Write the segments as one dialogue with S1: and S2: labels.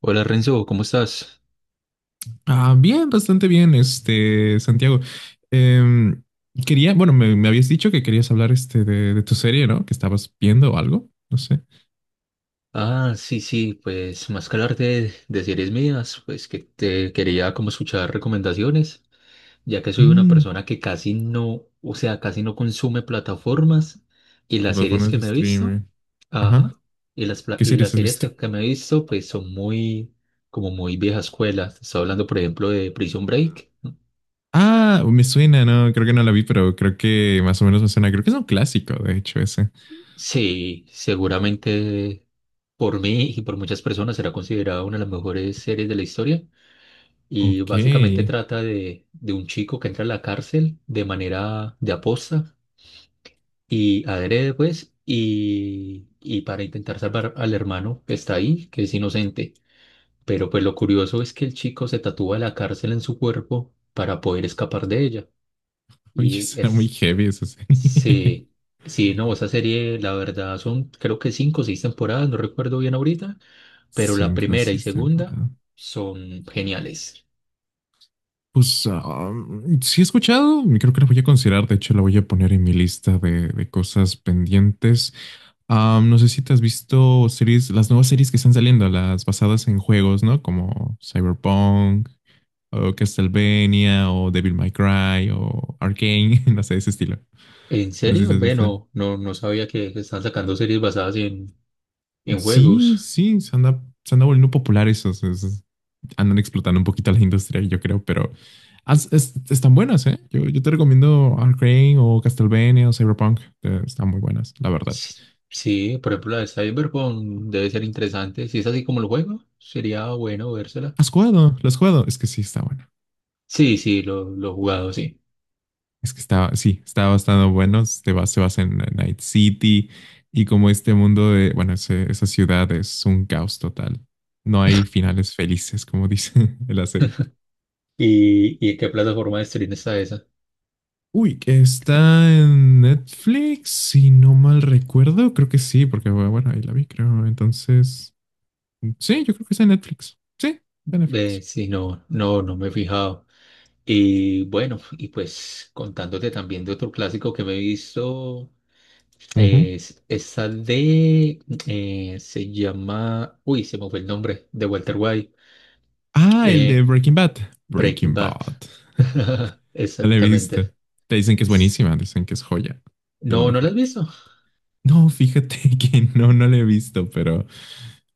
S1: Hola Renzo, ¿cómo estás?
S2: Ah, bien, bastante bien, este, Santiago. Em, quería, bueno, me habías dicho que querías hablar este de tu serie, ¿no? Que estabas viendo o algo, no sé.
S1: Ah, sí, sí, pues más que hablar de series mías, pues que te quería como escuchar recomendaciones, ya que soy una
S2: Mm,
S1: persona que casi no, o sea, casi no consume plataformas y
S2: ¿qué
S1: las series
S2: plataformas
S1: que
S2: de
S1: me he visto,
S2: streaming? Ajá.
S1: ajá, y las, pla-
S2: ¿Qué
S1: y
S2: series
S1: las
S2: has
S1: series
S2: visto?
S1: que me he visto, pues son muy, como muy vieja escuela. Estoy hablando, por ejemplo, de Prison Break.
S2: Ah, me suena, no, creo que no la vi, pero creo que más o menos me suena. Creo que es un clásico, de hecho, ese.
S1: Sí, seguramente por mí y por muchas personas será considerada una de las mejores series de la historia. Y
S2: Ok.
S1: básicamente trata de un chico que entra a la cárcel de manera de aposta y adrede, pues, y para intentar salvar al hermano que está ahí, que es inocente. Pero pues lo curioso es que el chico se tatúa la cárcel en su cuerpo para poder escapar de ella.
S2: Oye,
S1: Y
S2: suena muy
S1: es,
S2: heavy esa serie.
S1: sí, sí, no, esa serie, la verdad, son creo que 5 o 6 temporadas, no recuerdo bien ahorita, pero la
S2: Cinco,
S1: primera y
S2: seis
S1: segunda
S2: temporadas.
S1: son geniales.
S2: Pues ah, sí he escuchado, creo que la voy a considerar, de hecho la voy a poner en mi lista de cosas pendientes. Ah, no sé si te has visto series, las nuevas series que están saliendo, las basadas en juegos, ¿no? Como Cyberpunk o Castlevania o Devil May Cry o Arcane, no sé, ese estilo.
S1: ¿En
S2: No sé si
S1: serio?
S2: has visto.
S1: Bueno, no, no sabía que están sacando series basadas en
S2: Sí,
S1: juegos.
S2: sí, se anda volviendo popular esos, esos. Andan explotando un poquito la industria, yo creo, pero están buenas, ¿eh? Yo te recomiendo Arcane o Castlevania o Cyberpunk. Eh, están muy buenas, la verdad.
S1: S- Sí, por ejemplo, la de Cyberpunk debe ser interesante. Si es así como el juego, sería bueno vérsela.
S2: ¿Has jugado? ¿Lo has jugado? Es que sí, está bueno.
S1: Sí, sí, lo he jugado, sí.
S2: Es que está, sí, está bastante bueno. Se basa en Night City y como este mundo de, bueno, esa ciudad es un caos total. No hay finales felices, como dice en la serie.
S1: Y en qué plataforma de stream está esa?
S2: Uy, que está en Netflix, si no mal recuerdo, creo que sí, porque bueno, ahí la vi, creo. Entonces, sí, yo creo que está en Netflix. Sí, está en
S1: Ve,
S2: Netflix.
S1: sí, no, no, no me he fijado. Y bueno, y pues contándote también de otro clásico que me he visto,
S2: Ujú.
S1: es esa de, se llama, uy, se me fue el nombre, de Walter White.
S2: Ah, el de
S1: Eh,
S2: Breaking Bad.
S1: Breaking
S2: Breaking
S1: Bad.
S2: Bad. No la he visto.
S1: Exactamente.
S2: Te dicen que es buenísima, dicen que es joya, de lo
S1: No, ¿no la
S2: mejor.
S1: has visto?
S2: No, fíjate que no, no la he visto, pero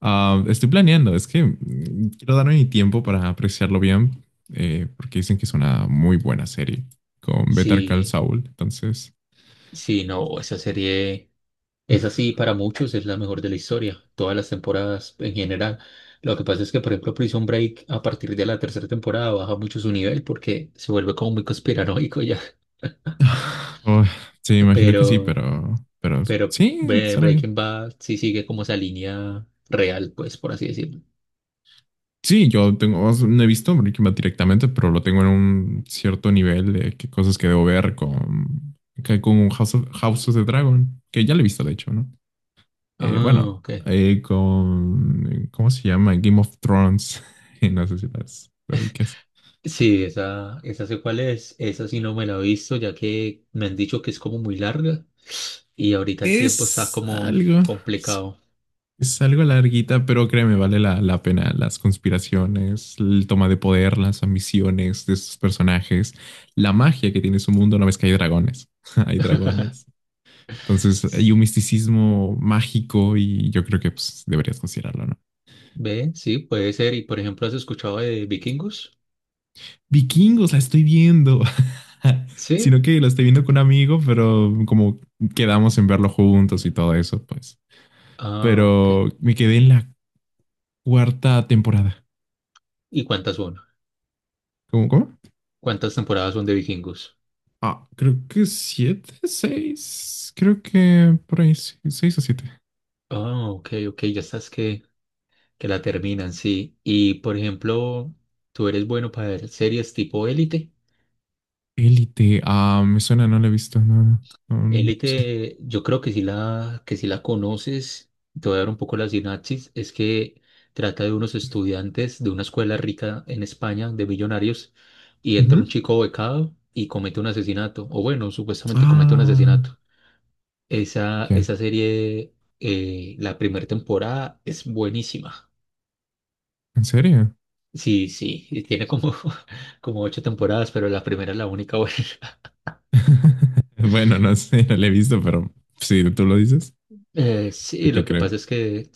S2: ah, estoy planeando. Es que quiero darme mi tiempo para apreciarlo bien, porque dicen que es una muy buena serie con Better Call
S1: Sí,
S2: Saul. Entonces.
S1: sí, no, esa serie es así para muchos, es la mejor de la historia, todas las temporadas en general. Lo que pasa es que, por ejemplo, Prison Break a partir de la tercera temporada baja mucho su nivel porque se vuelve como muy conspiranoico ya.
S2: Oh, sí, imagino
S1: Pero,
S2: que sí, pero
S1: pero
S2: sí, suena bien.
S1: Breaking Bad sí sigue como esa línea real, pues, por así decirlo.
S2: Sí, yo tengo, no he visto Breaking Bad directamente, pero lo tengo en un cierto nivel de qué cosas que debo ver con, que con House of the Dragon, que ya lo he visto de hecho, ¿no?
S1: Ah,
S2: Bueno,
S1: ok.
S2: con, ¿cómo se llama? Game of Thrones. No sé si las lo ubiques.
S1: Sí, esa sé cuál es. Esa sí no me la he visto, ya que me han dicho que es como muy larga y ahorita el tiempo está
S2: Es
S1: como
S2: algo. Sí.
S1: complicado.
S2: Es algo larguita, pero créeme, vale la pena. Las conspiraciones, el toma de poder, las ambiciones de sus personajes, la magia que tiene su mundo una vez que hay dragones. Hay dragones. Entonces hay un misticismo mágico y yo creo que pues, deberías considerarlo, ¿no?
S1: ¿Ve? Sí, puede ser. Y por ejemplo, ¿has escuchado de Vikingos?
S2: Vikingos, la estoy viendo.
S1: Sí.
S2: Sino que la estoy viendo con un amigo, pero como quedamos en verlo juntos y todo eso, pues.
S1: Ah, ok.
S2: Pero me quedé en la cuarta temporada.
S1: ¿Y cuántas son?
S2: ¿Cómo? ¿Cómo?
S1: ¿Cuántas temporadas son de Vikingos?
S2: Ah, creo que siete, seis. Creo que por ahí sí, seis o siete.
S1: Ah, ok, ok. Ya estás que la terminan, sí. Y por ejemplo, ¿tú eres bueno para ver series tipo Élite?
S2: Élite. Ah, me suena, no la he visto. No, no, no, no sé.
S1: Élite, yo creo que si la conoces, te voy a dar un poco la sinapsis, es que trata de unos estudiantes de una escuela rica en España, de millonarios, y entra un
S2: Ujú.
S1: chico becado y comete un asesinato, o bueno, supuestamente comete un
S2: Ah,
S1: asesinato. Esa,
S2: ya.
S1: esa serie, la primera temporada es buenísima.
S2: ¿En serio?
S1: Sí, sí, y tiene como, como 8 temporadas, pero la primera es la única buena.
S2: Bueno, no sé, no la he visto, pero si tú lo dices, yo
S1: Sí,
S2: te
S1: lo que
S2: creo.
S1: pasa es que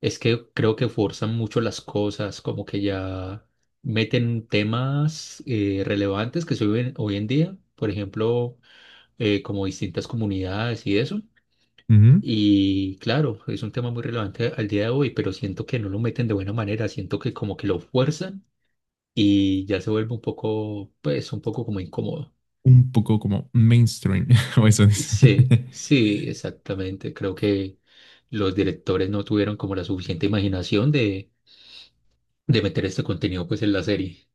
S1: es que creo que forzan mucho las cosas, como que ya meten temas relevantes que se viven hoy en día, por ejemplo, como distintas comunidades y eso.
S2: Ujú.
S1: Y claro, es un tema muy relevante al día de hoy, pero siento que no lo meten de buena manera, siento que como que lo fuerzan y ya se vuelve un poco, pues, un poco como incómodo.
S2: Un poco como mainstream, o eso dice.
S1: Sí, sí, exactamente. Creo que los directores no tuvieron como la suficiente imaginación de meter este contenido pues en la serie.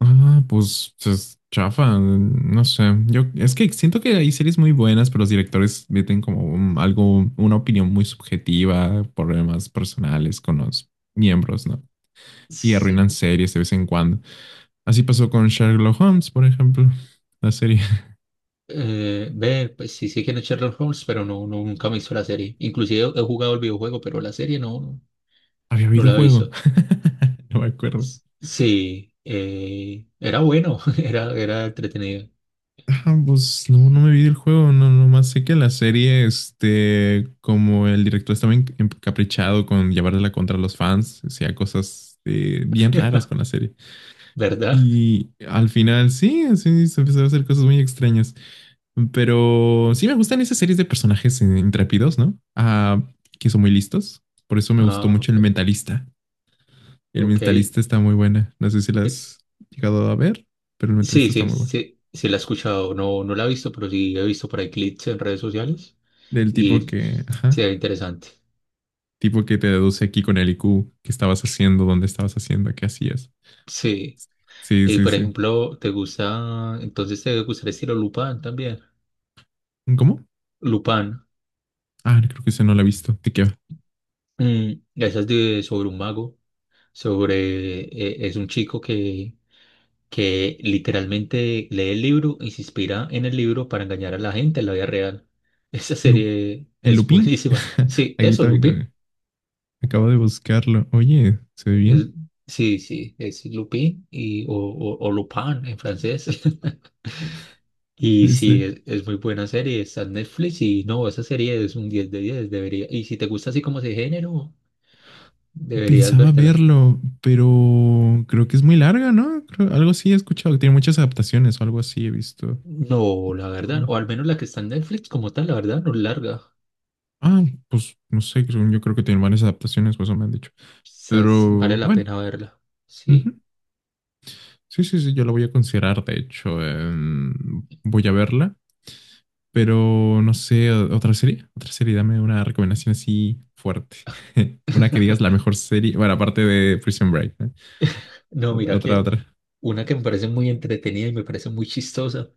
S2: Ah, pues es chafa, no sé. Yo es que siento que hay series muy buenas, pero los directores meten como algo, una opinión muy subjetiva, problemas personales con los miembros, ¿no? Y
S1: Sí,
S2: arruinan series de vez en cuando. Así pasó con Sherlock Holmes, por ejemplo, la serie.
S1: ve, pues sí sé quién es Sherlock Holmes, pero no, no, nunca me he visto la serie. Inclusive he jugado el videojuego, pero la serie no, no,
S2: Había
S1: no la he
S2: videojuego.
S1: visto.
S2: No me acuerdo.
S1: Sí, era bueno, era, era entretenido,
S2: Ah, pues no, no me vi el juego, no, nomás sé que la serie, este, como el director estaba encaprichado con llevarla contra los fans, hacía cosas bien raras con la serie.
S1: ¿verdad?
S2: Y al final, sí, sí, se empezó a hacer cosas muy extrañas. Pero sí me gustan esas series de personajes intrépidos, ¿no? Ah, que son muy listos. Por eso me gustó
S1: Ah,
S2: mucho El
S1: ok.
S2: Mentalista. El
S1: Ok.
S2: Mentalista está muy buena. No sé si la
S1: Eh,
S2: has llegado a ver, pero El Mentalista
S1: sí,
S2: está
S1: sí,
S2: muy bueno.
S1: sí, sí la he escuchado, no, no la he visto, pero sí he visto por ahí clips en redes sociales
S2: Del tipo
S1: y
S2: que,
S1: se ve
S2: ajá.
S1: interesante.
S2: Tipo que te deduce aquí con el IQ, qué estabas haciendo, dónde estabas haciendo, qué hacías.
S1: Sí,
S2: Sí,
S1: y
S2: sí,
S1: por
S2: sí.
S1: ejemplo, ¿te gusta, entonces te gusta el estilo Lupin también?
S2: ¿Cómo?
S1: Lupin.
S2: Ah, creo que ese no lo he visto. ¿De qué va?
S1: Mm, esa es de, sobre un mago, sobre, es un chico que literalmente lee el libro y se inspira en el libro para engañar a la gente en la vida real. Esa
S2: Lu-
S1: serie
S2: ¿El
S1: es
S2: Lupin?
S1: buenísima. Sí,
S2: Aquí
S1: eso,
S2: también
S1: Lupin.
S2: acabo de buscarlo. Oye, ¿se ve
S1: Es-
S2: bien?
S1: sí, sí, es Lupin y, o Lupin en francés. Y sí,
S2: Este,
S1: es muy buena serie, está en Netflix y no, esa serie es un 10 de 10 debería. Y si te gusta así como ese género, deberías
S2: pensaba
S1: vértela.
S2: verlo, pero creo que es muy larga, ¿no? Algo así he escuchado, que tiene muchas adaptaciones o algo así he visto.
S1: No, la verdad, o al menos la que está en Netflix como tal, la verdad, no es larga.
S2: Ah, pues no sé, yo creo que tiene varias adaptaciones, pues eso me han dicho.
S1: Quizás vale
S2: Pero
S1: la
S2: bueno.
S1: pena verla.
S2: Ujú.
S1: Sí.
S2: Sí, sí, sí, yo la voy a considerar, de hecho, em, voy a verla, pero no sé, otra serie, dame una recomendación así fuerte, una que digas la mejor serie, bueno, aparte de Prison Break, ¿eh?
S1: No, mira
S2: Otra,
S1: que
S2: otra.
S1: una que me parece muy entretenida y me parece muy chistosa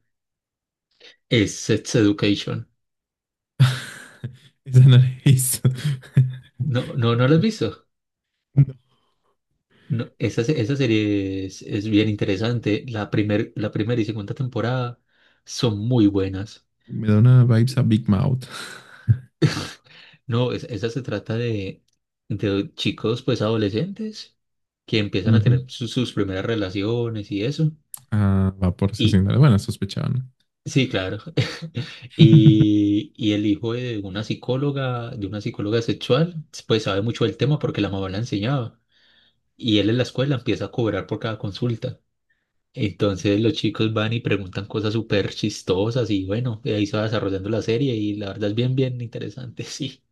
S1: es Sex Education.
S2: Esa no la he visto.
S1: No, no, no la has visto.
S2: No,
S1: No, esa, esa serie es bien interesante. La primer, la primera y segunda temporada son muy buenas.
S2: me da una vibes a Big Mouth.
S1: No, esa se trata de chicos pues adolescentes que empiezan a
S2: Ujú.
S1: tener sus primeras relaciones y eso.
S2: Ah, va por
S1: Y
S2: asesinato. Bueno, sospechaba.
S1: sí, claro. Y, y el hijo de una psicóloga sexual, pues sabe mucho del tema porque la mamá la enseñaba. Y él en la escuela empieza a cobrar por cada consulta. Entonces los chicos van y preguntan cosas súper chistosas y bueno, de ahí se va desarrollando la serie y la verdad es bien, bien interesante, sí.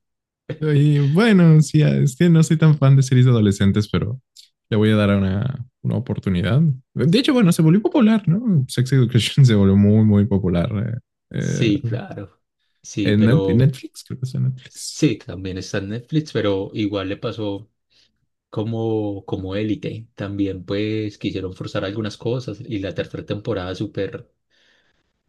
S2: Y bueno, sí, es que no soy tan fan de series de adolescentes, pero le voy a dar una oportunidad. De hecho, bueno, se volvió popular, ¿no? Sex Education se volvió muy, muy popular. eh,
S1: Sí,
S2: eh,
S1: claro. Sí,
S2: en en
S1: pero
S2: Netflix, creo que es en Netflix.
S1: sí, también está en Netflix, pero igual le pasó, como, como Élite. También pues quisieron forzar algunas cosas y la tercera temporada súper,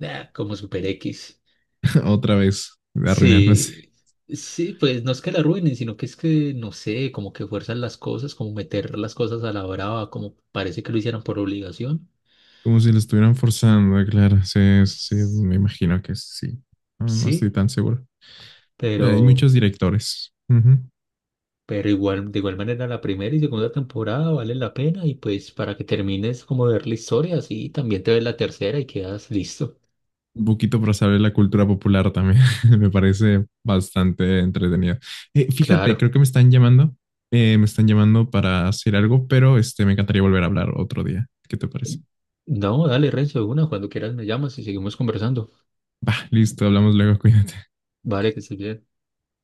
S1: ah, como super X.
S2: Otra vez, arruinándose.
S1: Sí, sí, pues no es que la arruinen, sino que es que, no sé, como que fuerzan las cosas, como meter las cosas a la brava, como parece que lo hicieran por obligación.
S2: Como si lo estuvieran forzando, claro. Sí, sí, sí,
S1: S-
S2: me imagino que sí. No, no estoy
S1: Sí,
S2: tan seguro. Hay
S1: pero,
S2: muchos directores. Ujú.
S1: pero igual, de igual manera la primera y segunda temporada vale la pena y pues para que termines como de ver la historia, así también te ves la tercera y quedas listo.
S2: Un poquito para saber la cultura popular también. Me parece bastante entretenido. Fíjate,
S1: Claro.
S2: creo que me están llamando. Me están llamando para hacer algo, pero este, me encantaría volver a hablar otro día. ¿Qué te parece?
S1: No, dale, Renzo, de una, cuando quieras me llamas y seguimos conversando.
S2: Va, listo, hablamos luego, cuídate.
S1: Vale, que estés bien.